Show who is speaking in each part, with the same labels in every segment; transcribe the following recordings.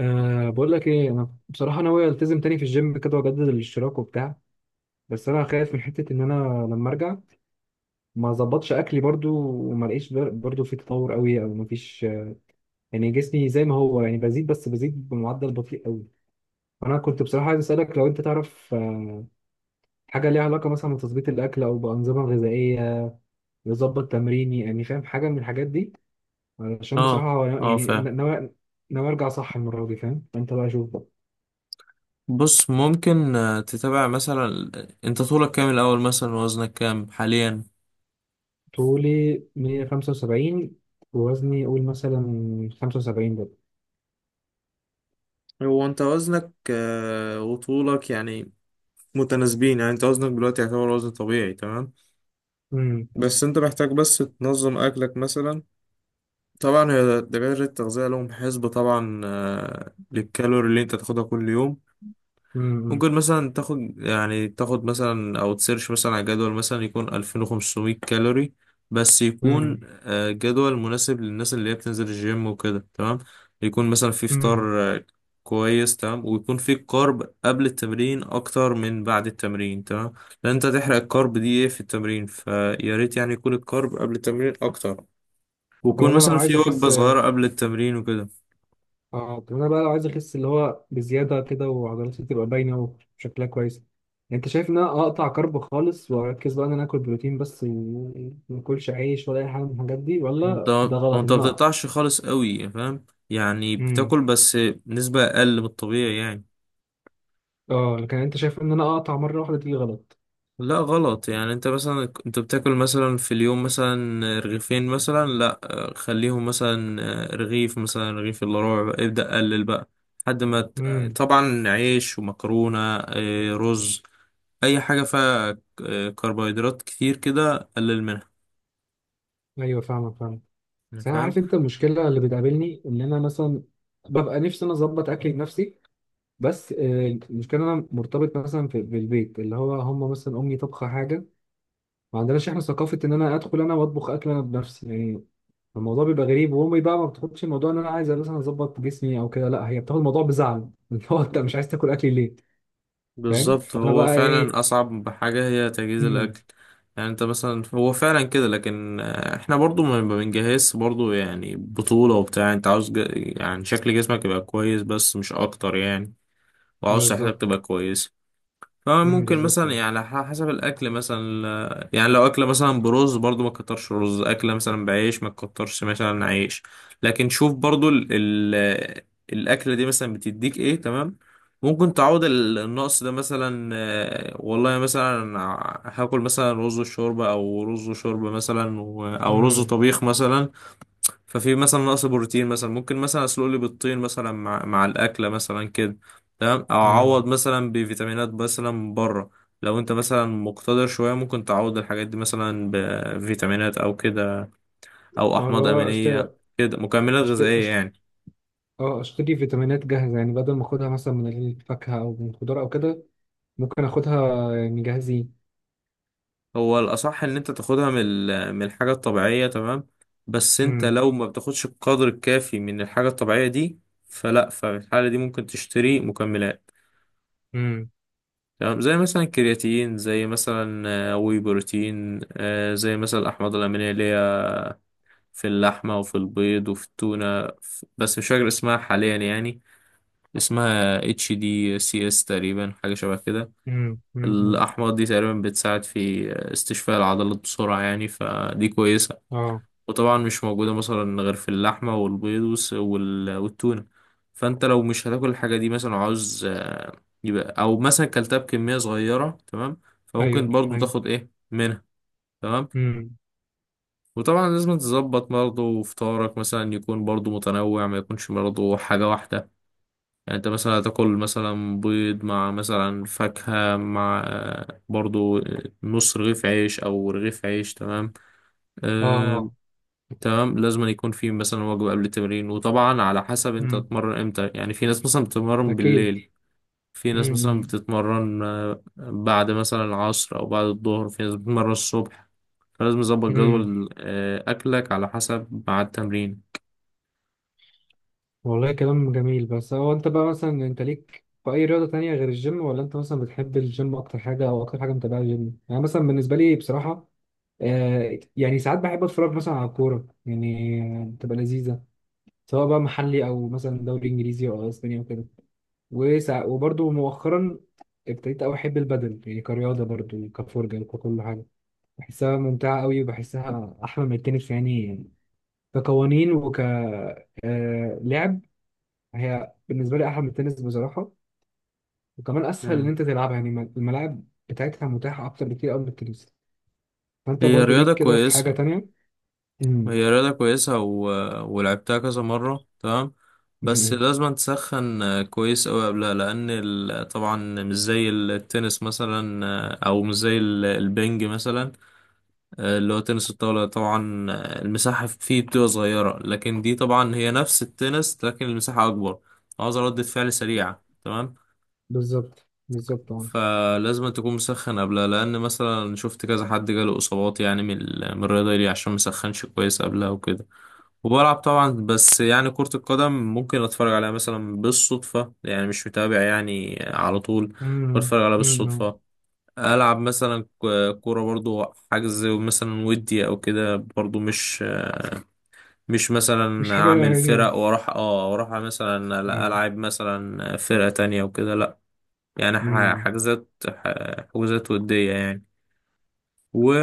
Speaker 1: أه، بقول لك ايه، انا بصراحه ناوي التزم تاني في الجيم كده واجدد الاشتراك وبتاع. بس انا خايف من حته ان انا لما ارجع ما اظبطش اكلي برضو وما الاقيش برضو في تطور قوي او ما فيش. يعني جسمي زي ما هو، يعني بزيد، بس بزيد بمعدل بطيء قوي. انا كنت بصراحه عايز اسالك لو انت تعرف حاجه ليها علاقه مثلا بتظبيط الاكل او بانظمه غذائيه يظبط تمريني، يعني فاهم حاجه من الحاجات دي، علشان
Speaker 2: اه.
Speaker 1: بصراحه
Speaker 2: اه،
Speaker 1: يعني
Speaker 2: فاهم.
Speaker 1: ناوي ارجع صح المره دي. فاهم؟ انت بقى شوف.
Speaker 2: بص، ممكن تتابع مثلا. انت طولك كام الاول، مثلا وزنك كام حاليا.
Speaker 1: طولي 175، ووزني قول مثلا 75 ده.
Speaker 2: هو انت وزنك وطولك يعني متناسبين، يعني انت وزنك دلوقتي يعتبر وزن طبيعي تمام.
Speaker 1: امم.
Speaker 2: بس انت محتاج بس تنظم اكلك مثلا. طبعا هي دكاترة التغذية لهم حسبة طبعا، للكالوري اللي انت تاخدها كل يوم.
Speaker 1: امم.
Speaker 2: ممكن مثلا تاخد، يعني تاخد مثلا او تسيرش مثلا على جدول مثلا يكون 2500 كالوري، بس يكون
Speaker 1: امم.
Speaker 2: جدول مناسب للناس اللي هي بتنزل الجيم وكده تمام. يكون مثلا في
Speaker 1: امم.
Speaker 2: فطار كويس تمام، ويكون في كارب قبل التمرين اكتر من بعد التمرين تمام، لان انت هتحرق الكارب دي ايه في التمرين، فيا ريت يعني يكون الكارب قبل التمرين اكتر،
Speaker 1: طب
Speaker 2: ويكون
Speaker 1: انا لو
Speaker 2: مثلا
Speaker 1: عايز
Speaker 2: في
Speaker 1: اخس.
Speaker 2: وجبة صغيرة قبل التمرين وكده.
Speaker 1: اه، طب انا بقى لو عايز اخس اللي هو بزياده كده وعضلاتي تبقى باينه وشكلها كويس، انت شايف ان انا اقطع كرب خالص، واركز بقى ان انا اكل بروتين بس وما اكلش عيش ولا اي حاجه من الحاجات دي؟
Speaker 2: وانت
Speaker 1: ولا ده غلط
Speaker 2: وانت ما
Speaker 1: ان اقطع؟
Speaker 2: بتقطعش خالص قوي، فاهم؟ يعني
Speaker 1: امم.
Speaker 2: بتاكل بس نسبة اقل من الطبيعي يعني.
Speaker 1: اه، لكن انت شايف ان انا اقطع مره واحده دي غلط؟
Speaker 2: لا، غلط، يعني انت مثلا انت بتاكل مثلا في اليوم مثلا رغيفين مثلا، لا، خليهم مثلا رغيف، مثلا رغيف الا ربع، بقى ابدأ قلل بقى لحد ما
Speaker 1: امم.
Speaker 2: طبعا عيش ومكرونة اه، رز، اي حاجة فيها كربوهيدرات كتير كده قلل منها
Speaker 1: ايوه فاهمك فاهمك.
Speaker 2: يعني،
Speaker 1: بس انا
Speaker 2: فاهم؟
Speaker 1: عارف انت، المشكله اللي بتقابلني ان انا مثلا ببقى نفسي انا اظبط اكلي بنفسي. بس المشكله انا مرتبط مثلا في البيت اللي هو هم مثلا امي طبخه حاجه. ما عندناش احنا ثقافه ان انا ادخل انا واطبخ اكل انا بنفسي يعني. الموضوع بيبقى غريب، وامي بقى ما بتاخدش الموضوع ان انا عايز مثلا اظبط جسمي او كده، لا هي بتاخد الموضوع بزعل، اللي هو انت مش عايز تاكل اكلي ليه. فاهم؟
Speaker 2: بالظبط،
Speaker 1: فانا
Speaker 2: هو
Speaker 1: بقى
Speaker 2: فعلا
Speaker 1: ايه.
Speaker 2: أصعب حاجة هي تجهيز الأكل.
Speaker 1: امم.
Speaker 2: يعني أنت مثلا هو فعلا كده، لكن إحنا برضو ما بنجهز برضو يعني بطولة وبتاع. أنت عاوز يعني شكل جسمك يبقى كويس بس، مش أكتر يعني، وعاوز صحتك
Speaker 1: بالظبط.
Speaker 2: تبقى كويسة.
Speaker 1: امم.
Speaker 2: فممكن
Speaker 1: بالظبط.
Speaker 2: مثلا يعني حسب الاكل مثلا، يعني لو اكله مثلا برز، برضو ما تكترش رز، اكله مثلا بعيش، ما تكترش مثلا عيش. لكن شوف برضو ال ال الاكله دي مثلا بتديك ايه تمام. ممكن تعوض النقص ده مثلا، والله مثلا هاكل مثلا رز وشوربه، او رز وشوربه مثلا، او رز
Speaker 1: امم.
Speaker 2: وطبيخ مثلا. ففي مثلا نقص بروتين مثلا، ممكن مثلا اسلق لي بيضتين مثلا مع الاكله مثلا كده تمام، او اعوض
Speaker 1: امم.
Speaker 2: مثلا بفيتامينات مثلا من بره. لو انت مثلا مقتدر شويه، ممكن تعوض الحاجات دي مثلا بفيتامينات او كده، او
Speaker 1: اه، اللي
Speaker 2: احماض
Speaker 1: هو
Speaker 2: امينيه،
Speaker 1: اشتري.
Speaker 2: كده مكملات غذائيه
Speaker 1: اشتري.
Speaker 2: يعني.
Speaker 1: اه، اشتري فيتامينات جاهزة يعني، بدل ما اخدها مثلا من الفاكهة او من الخضار او كده. ممكن اخدها يعني جاهزين.
Speaker 2: هو الاصح ان انت تاخدها من من الحاجه الطبيعيه تمام، بس انت
Speaker 1: امم.
Speaker 2: لو ما بتاخدش القدر الكافي من الحاجه الطبيعيه دي، ففي الحاله دي ممكن تشتري مكملات
Speaker 1: امم.
Speaker 2: تمام، زي مثلا الكرياتين، زي مثلا واي بروتين، زي مثلا الأحماض الأمينية اللي هي في اللحمة وفي البيض وفي التونة. بس مش فاكر اسمها حاليا يعني، اسمها اتش دي سي اس تقريبا، حاجة شبه كده.
Speaker 1: امم. امم.
Speaker 2: الأحماض دي تقريبا بتساعد في استشفاء العضلات بسرعة يعني، فدي كويسة.
Speaker 1: اه.
Speaker 2: وطبعا مش موجودة مثلا غير في اللحمة والبيض والتونة. فانت لو مش هتاكل الحاجة دي مثلا، وعاوز يبقى، او مثلا كلتها بكمية صغيرة تمام،
Speaker 1: ايوه
Speaker 2: فممكن برضو
Speaker 1: ايوه.
Speaker 2: تاخد ايه منها تمام.
Speaker 1: امم.
Speaker 2: وطبعا لازم تظبط برضو فطارك مثلا، يكون برضو متنوع، ما يكونش برضو حاجة واحدة. يعني انت مثلا هتاكل مثلا بيض مع مثلا فاكهة مع برضو نص رغيف عيش او رغيف عيش تمام.
Speaker 1: اه.
Speaker 2: آه،
Speaker 1: اه.
Speaker 2: تمام، لازم أن يكون في مثلا وجبة قبل التمرين. وطبعا على حسب انت
Speaker 1: امم.
Speaker 2: تتمرن امتى، يعني في ناس مثلا بتتمرن
Speaker 1: اكيد.
Speaker 2: بالليل، في ناس مثلا
Speaker 1: امم.
Speaker 2: بتتمرن بعد مثلا العصر او بعد الظهر، في ناس بتتمرن الصبح. فلازم تظبط
Speaker 1: امم.
Speaker 2: جدول اكلك على حسب مع التمرين.
Speaker 1: والله كلام جميل. بس هو انت بقى مثلا، انت ليك في اي رياضة تانية غير الجيم، ولا انت مثلا بتحب الجيم اكتر حاجة، او اكتر حاجة متابعة الجيم؟ يعني مثلا بالنسبة لي بصراحة، يعني ساعات بحب اتفرج مثلا على الكورة، يعني بتبقى لذيذة، سواء بقى محلي او مثلا دوري انجليزي او اسبانيا وكده. وبرضه مؤخرا ابتديت قوي احب البدل، يعني كرياضه برضه، كفرجه وككل حاجه. بحسها ممتعه قوي، وبحسها احلى من التنس يعني، كقوانين وك آه، لعب. هي بالنسبه لي احلى من التنس بصراحه، وكمان اسهل ان
Speaker 2: مم.
Speaker 1: انت تلعبها، يعني الملاعب بتاعتها متاحه اكتر بكتير قوي من التنس. فانت
Speaker 2: هي
Speaker 1: برضه
Speaker 2: رياضة
Speaker 1: ليك كده في حاجه
Speaker 2: كويسة.
Speaker 1: تانية؟ امم.
Speaker 2: هي رياضة كويسة ولعبتها كذا مرة تمام، بس
Speaker 1: أمم.
Speaker 2: لازم تسخن كويس أوي قبلها، لأن طبعا مش زي التنس مثلا، أو مش زي البنج مثلا، اللي هو تنس الطاولة. طبعا المساحة فيه بتبقى صغيرة، لكن دي طبعا هي نفس التنس، لكن المساحة أكبر. عاوز ردة فعل سريعة تمام،
Speaker 1: بالظبط بالظبط. اه.
Speaker 2: فلازم تكون مسخن قبلها، لأن مثلا شفت كذا حد جاله إصابات يعني من من الرياضة دي عشان مسخنش كويس قبلها وكده. وبلعب طبعا، بس يعني كرة القدم ممكن اتفرج عليها مثلا بالصدفة، يعني مش متابع يعني على طول، ممكن
Speaker 1: أمم.
Speaker 2: اتفرج عليها
Speaker 1: أمم.
Speaker 2: بالصدفة. العب مثلا كورة، برضو حجز مثلا ودي او كده، برضو مش
Speaker 1: مش
Speaker 2: مثلا
Speaker 1: حاجه
Speaker 2: اعمل
Speaker 1: غريبة.
Speaker 2: فرق واروح، اه واروح مثلا، لا، العب مثلا فرقة تانية وكده، لا. يعني
Speaker 1: امم.
Speaker 2: حجوزات ودية يعني.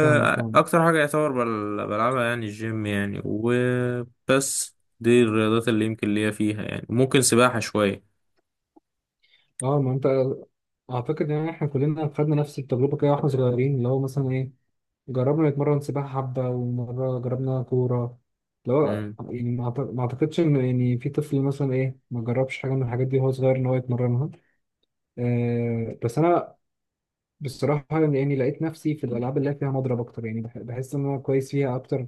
Speaker 1: فاهمك فاهمك.
Speaker 2: حاجه يعتبر بلعبها يعني الجيم يعني، وبس. دي الرياضات اللي يمكن ليا فيها يعني، ممكن سباحه شويه.
Speaker 1: اه، ما انت. اعتقد ان احنا كلنا خدنا نفس التجربه كده واحنا صغيرين، اللي هو مثلا ايه، جربنا نتمرن سباحه حبه، ومره جربنا كوره، اللي هو يعني ما اعتقدش ان يعني في طفل مثلا ايه ما جربش حاجه من الحاجات دي وهو صغير ان هو يتمرنها. بس انا بصراحة يعني لقيت نفسي في الألعاب اللي هي فيها مضرب أكتر، يعني بحس إن أنا كويس فيها أكتر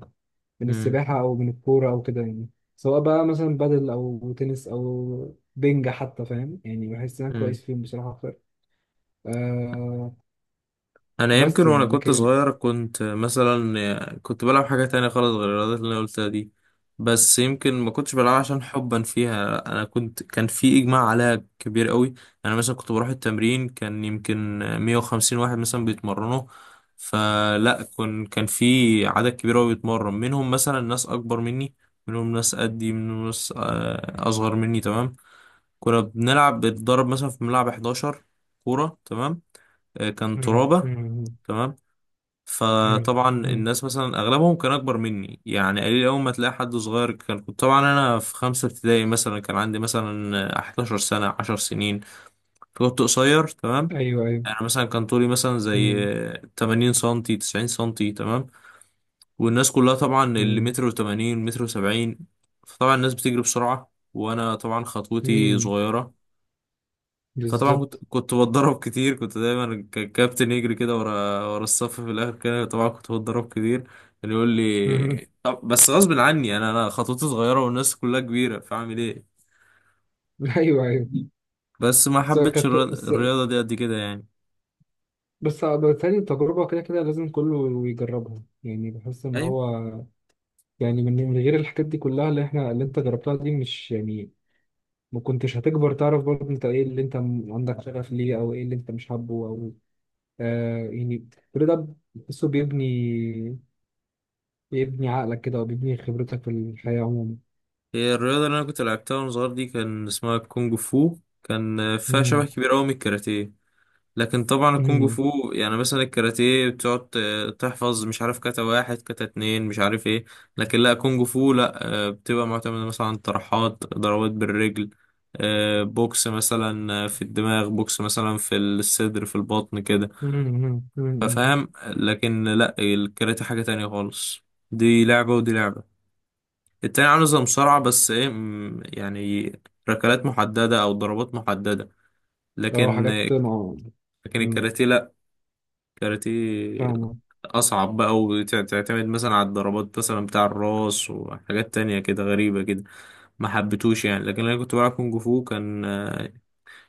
Speaker 1: من
Speaker 2: امم،
Speaker 1: السباحة أو من الكورة أو كده يعني. سواء بقى مثلا بادل أو تنس أو بينج حتى، فاهم؟ يعني بحس إن أنا كويس فيهم بصراحة أكتر. آه
Speaker 2: انا يمكن
Speaker 1: بس
Speaker 2: وانا
Speaker 1: يعني،
Speaker 2: كنت
Speaker 1: لكن.
Speaker 2: صغير كنت مثلا كنت بلعب حاجة تانية خالص غير الرياضات اللي انا قلتها دي، بس يمكن ما كنتش بلعبها عشان حبا فيها، انا كنت كان في اجماع عليها كبير قوي. انا مثلا كنت بروح التمرين، كان يمكن 150 واحد مثلا بيتمرنوا. فلا كن كان في عدد كبير قوي بيتمرن، منهم مثلا ناس اكبر مني، منهم ناس قدي، منهم ناس اصغر مني تمام. كنا بنلعب، بنتدرب مثلا في ملعب 11 كورة تمام. كان
Speaker 1: مم،
Speaker 2: ترابة
Speaker 1: مم،
Speaker 2: تمام.
Speaker 1: مم،
Speaker 2: فطبعا
Speaker 1: مم.
Speaker 2: الناس مثلا اغلبهم كان اكبر مني يعني، قليل اول ما تلاقي حد صغير. كان كنت طبعا انا في خمسة ابتدائي، مثلا كان عندي مثلا 11 سنة، 10 سنين، فكنت قصير تمام.
Speaker 1: أيوه أيوه.
Speaker 2: انا مثلا كان طولي مثلا زي
Speaker 1: مم،
Speaker 2: 80 سنتي، 90 سنتي تمام، والناس كلها طبعا اللي
Speaker 1: مم،
Speaker 2: متر و80، متر و70. فطبعا الناس بتجري بسرعة، وانا طبعا خطوتي
Speaker 1: مم.
Speaker 2: صغيرة. فطبعا كنت
Speaker 1: بالظبط.
Speaker 2: كنت بتضرب كتير، كنت دايما الكابتن يجري كده ورا، ورا الصف في الاخر كده، طبعا كنت بتضرب كتير. اللي يقول
Speaker 1: مم.
Speaker 2: لي طب، بس غصب عني، انا خطوتي صغيره والناس كلها كبيره، فاعمل ايه؟
Speaker 1: أيوه أيوه.
Speaker 2: بس ما
Speaker 1: بس
Speaker 2: حبيتش
Speaker 1: كانت، بس
Speaker 2: الرياضه دي قد كده يعني.
Speaker 1: بس بالتالي التجربة كده كده لازم كله يجربها، يعني بحس إن
Speaker 2: ايوه.
Speaker 1: هو، يعني من غير الحاجات دي كلها اللي احنا اللي انت جربتها دي، مش يعني ما كنتش هتكبر تعرف برضه انت ايه اللي انت عندك شغف ليه، او ايه اللي انت مش حابه. او يعني كل ده بتحسه بيبني عقلك كده، وبيبني خبرتك في الحياة عموما.
Speaker 2: هي الرياضه اللي انا كنت لعبتها وانا صغير دي، كان اسمها كونج فو، كان فيها شبه
Speaker 1: مم.
Speaker 2: كبير قوي من الكاراتيه. لكن طبعا الكونج فو،
Speaker 1: مم.
Speaker 2: يعني مثلا الكاراتيه بتقعد تحفظ، مش عارف كاتا واحد، كاتا اتنين، مش عارف ايه. لكن لا كونج فو لا، بتبقى معتمدة مثلا عن طرحات ضربات بالرجل، بوكس مثلا، في الدماغ، بوكس مثلا في الصدر، في البطن كده،
Speaker 1: مم. مم. مم.
Speaker 2: فاهم؟ لكن لا الكاراتيه حاجة تانية خالص. دي لعبة ودي لعبة. التاني عامل زي مصارعة، بس ايه يعني ركلات محددة او ضربات محددة.
Speaker 1: اه،
Speaker 2: لكن
Speaker 1: حاجات مع.
Speaker 2: لكن
Speaker 1: مم.
Speaker 2: الكاراتيه لا، كاراتيه
Speaker 1: فاهمة.
Speaker 2: أصعب بقى، وتعتمد مثلا على الضربات مثلا بتاع الراس وحاجات تانية كده غريبة كده، ما حبيتوش يعني. لكن أنا كنت بلعب كونج فو، كان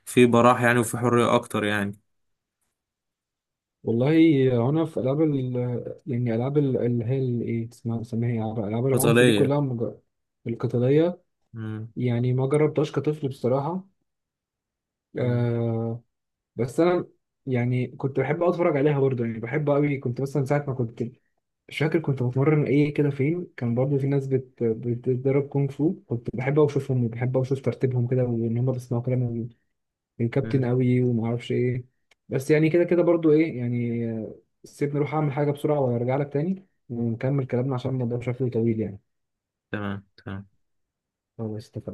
Speaker 2: في براح يعني، وفي حرية أكتر يعني.
Speaker 1: والله أنا في ألعاب ال، يعني ألعاب ال- اللي هي ال- إيه اسمها، سميها إيه؟ ألعاب العنف دي
Speaker 2: قتالية.
Speaker 1: كلها القتالية،
Speaker 2: مم،
Speaker 1: يعني ما جربتهاش كطفل بصراحة.
Speaker 2: مم.
Speaker 1: آه بس أنا يعني كنت بحب أوي أتفرج عليها برضه، يعني بحب أوي. كنت مثلا ساعة ما كنت، مش فاكر كنت بتمرن إيه كده فين، كان برضه في ناس بتتدرب كونغ فو، كنت بحب أوي أشوفهم وبحب أوي أشوف ترتيبهم كده، وإن هما بيسمعوا كلام من
Speaker 2: مم.
Speaker 1: الكابتن أوي، وما أعرفش إيه. بس يعني كده كده برضه إيه يعني، سيبني أروح أعمل حاجة بسرعة وأرجع لك تاني، ونكمل كلامنا، عشان الموضوع شكله طويل يعني.
Speaker 2: تمام تمام.
Speaker 1: خلاص.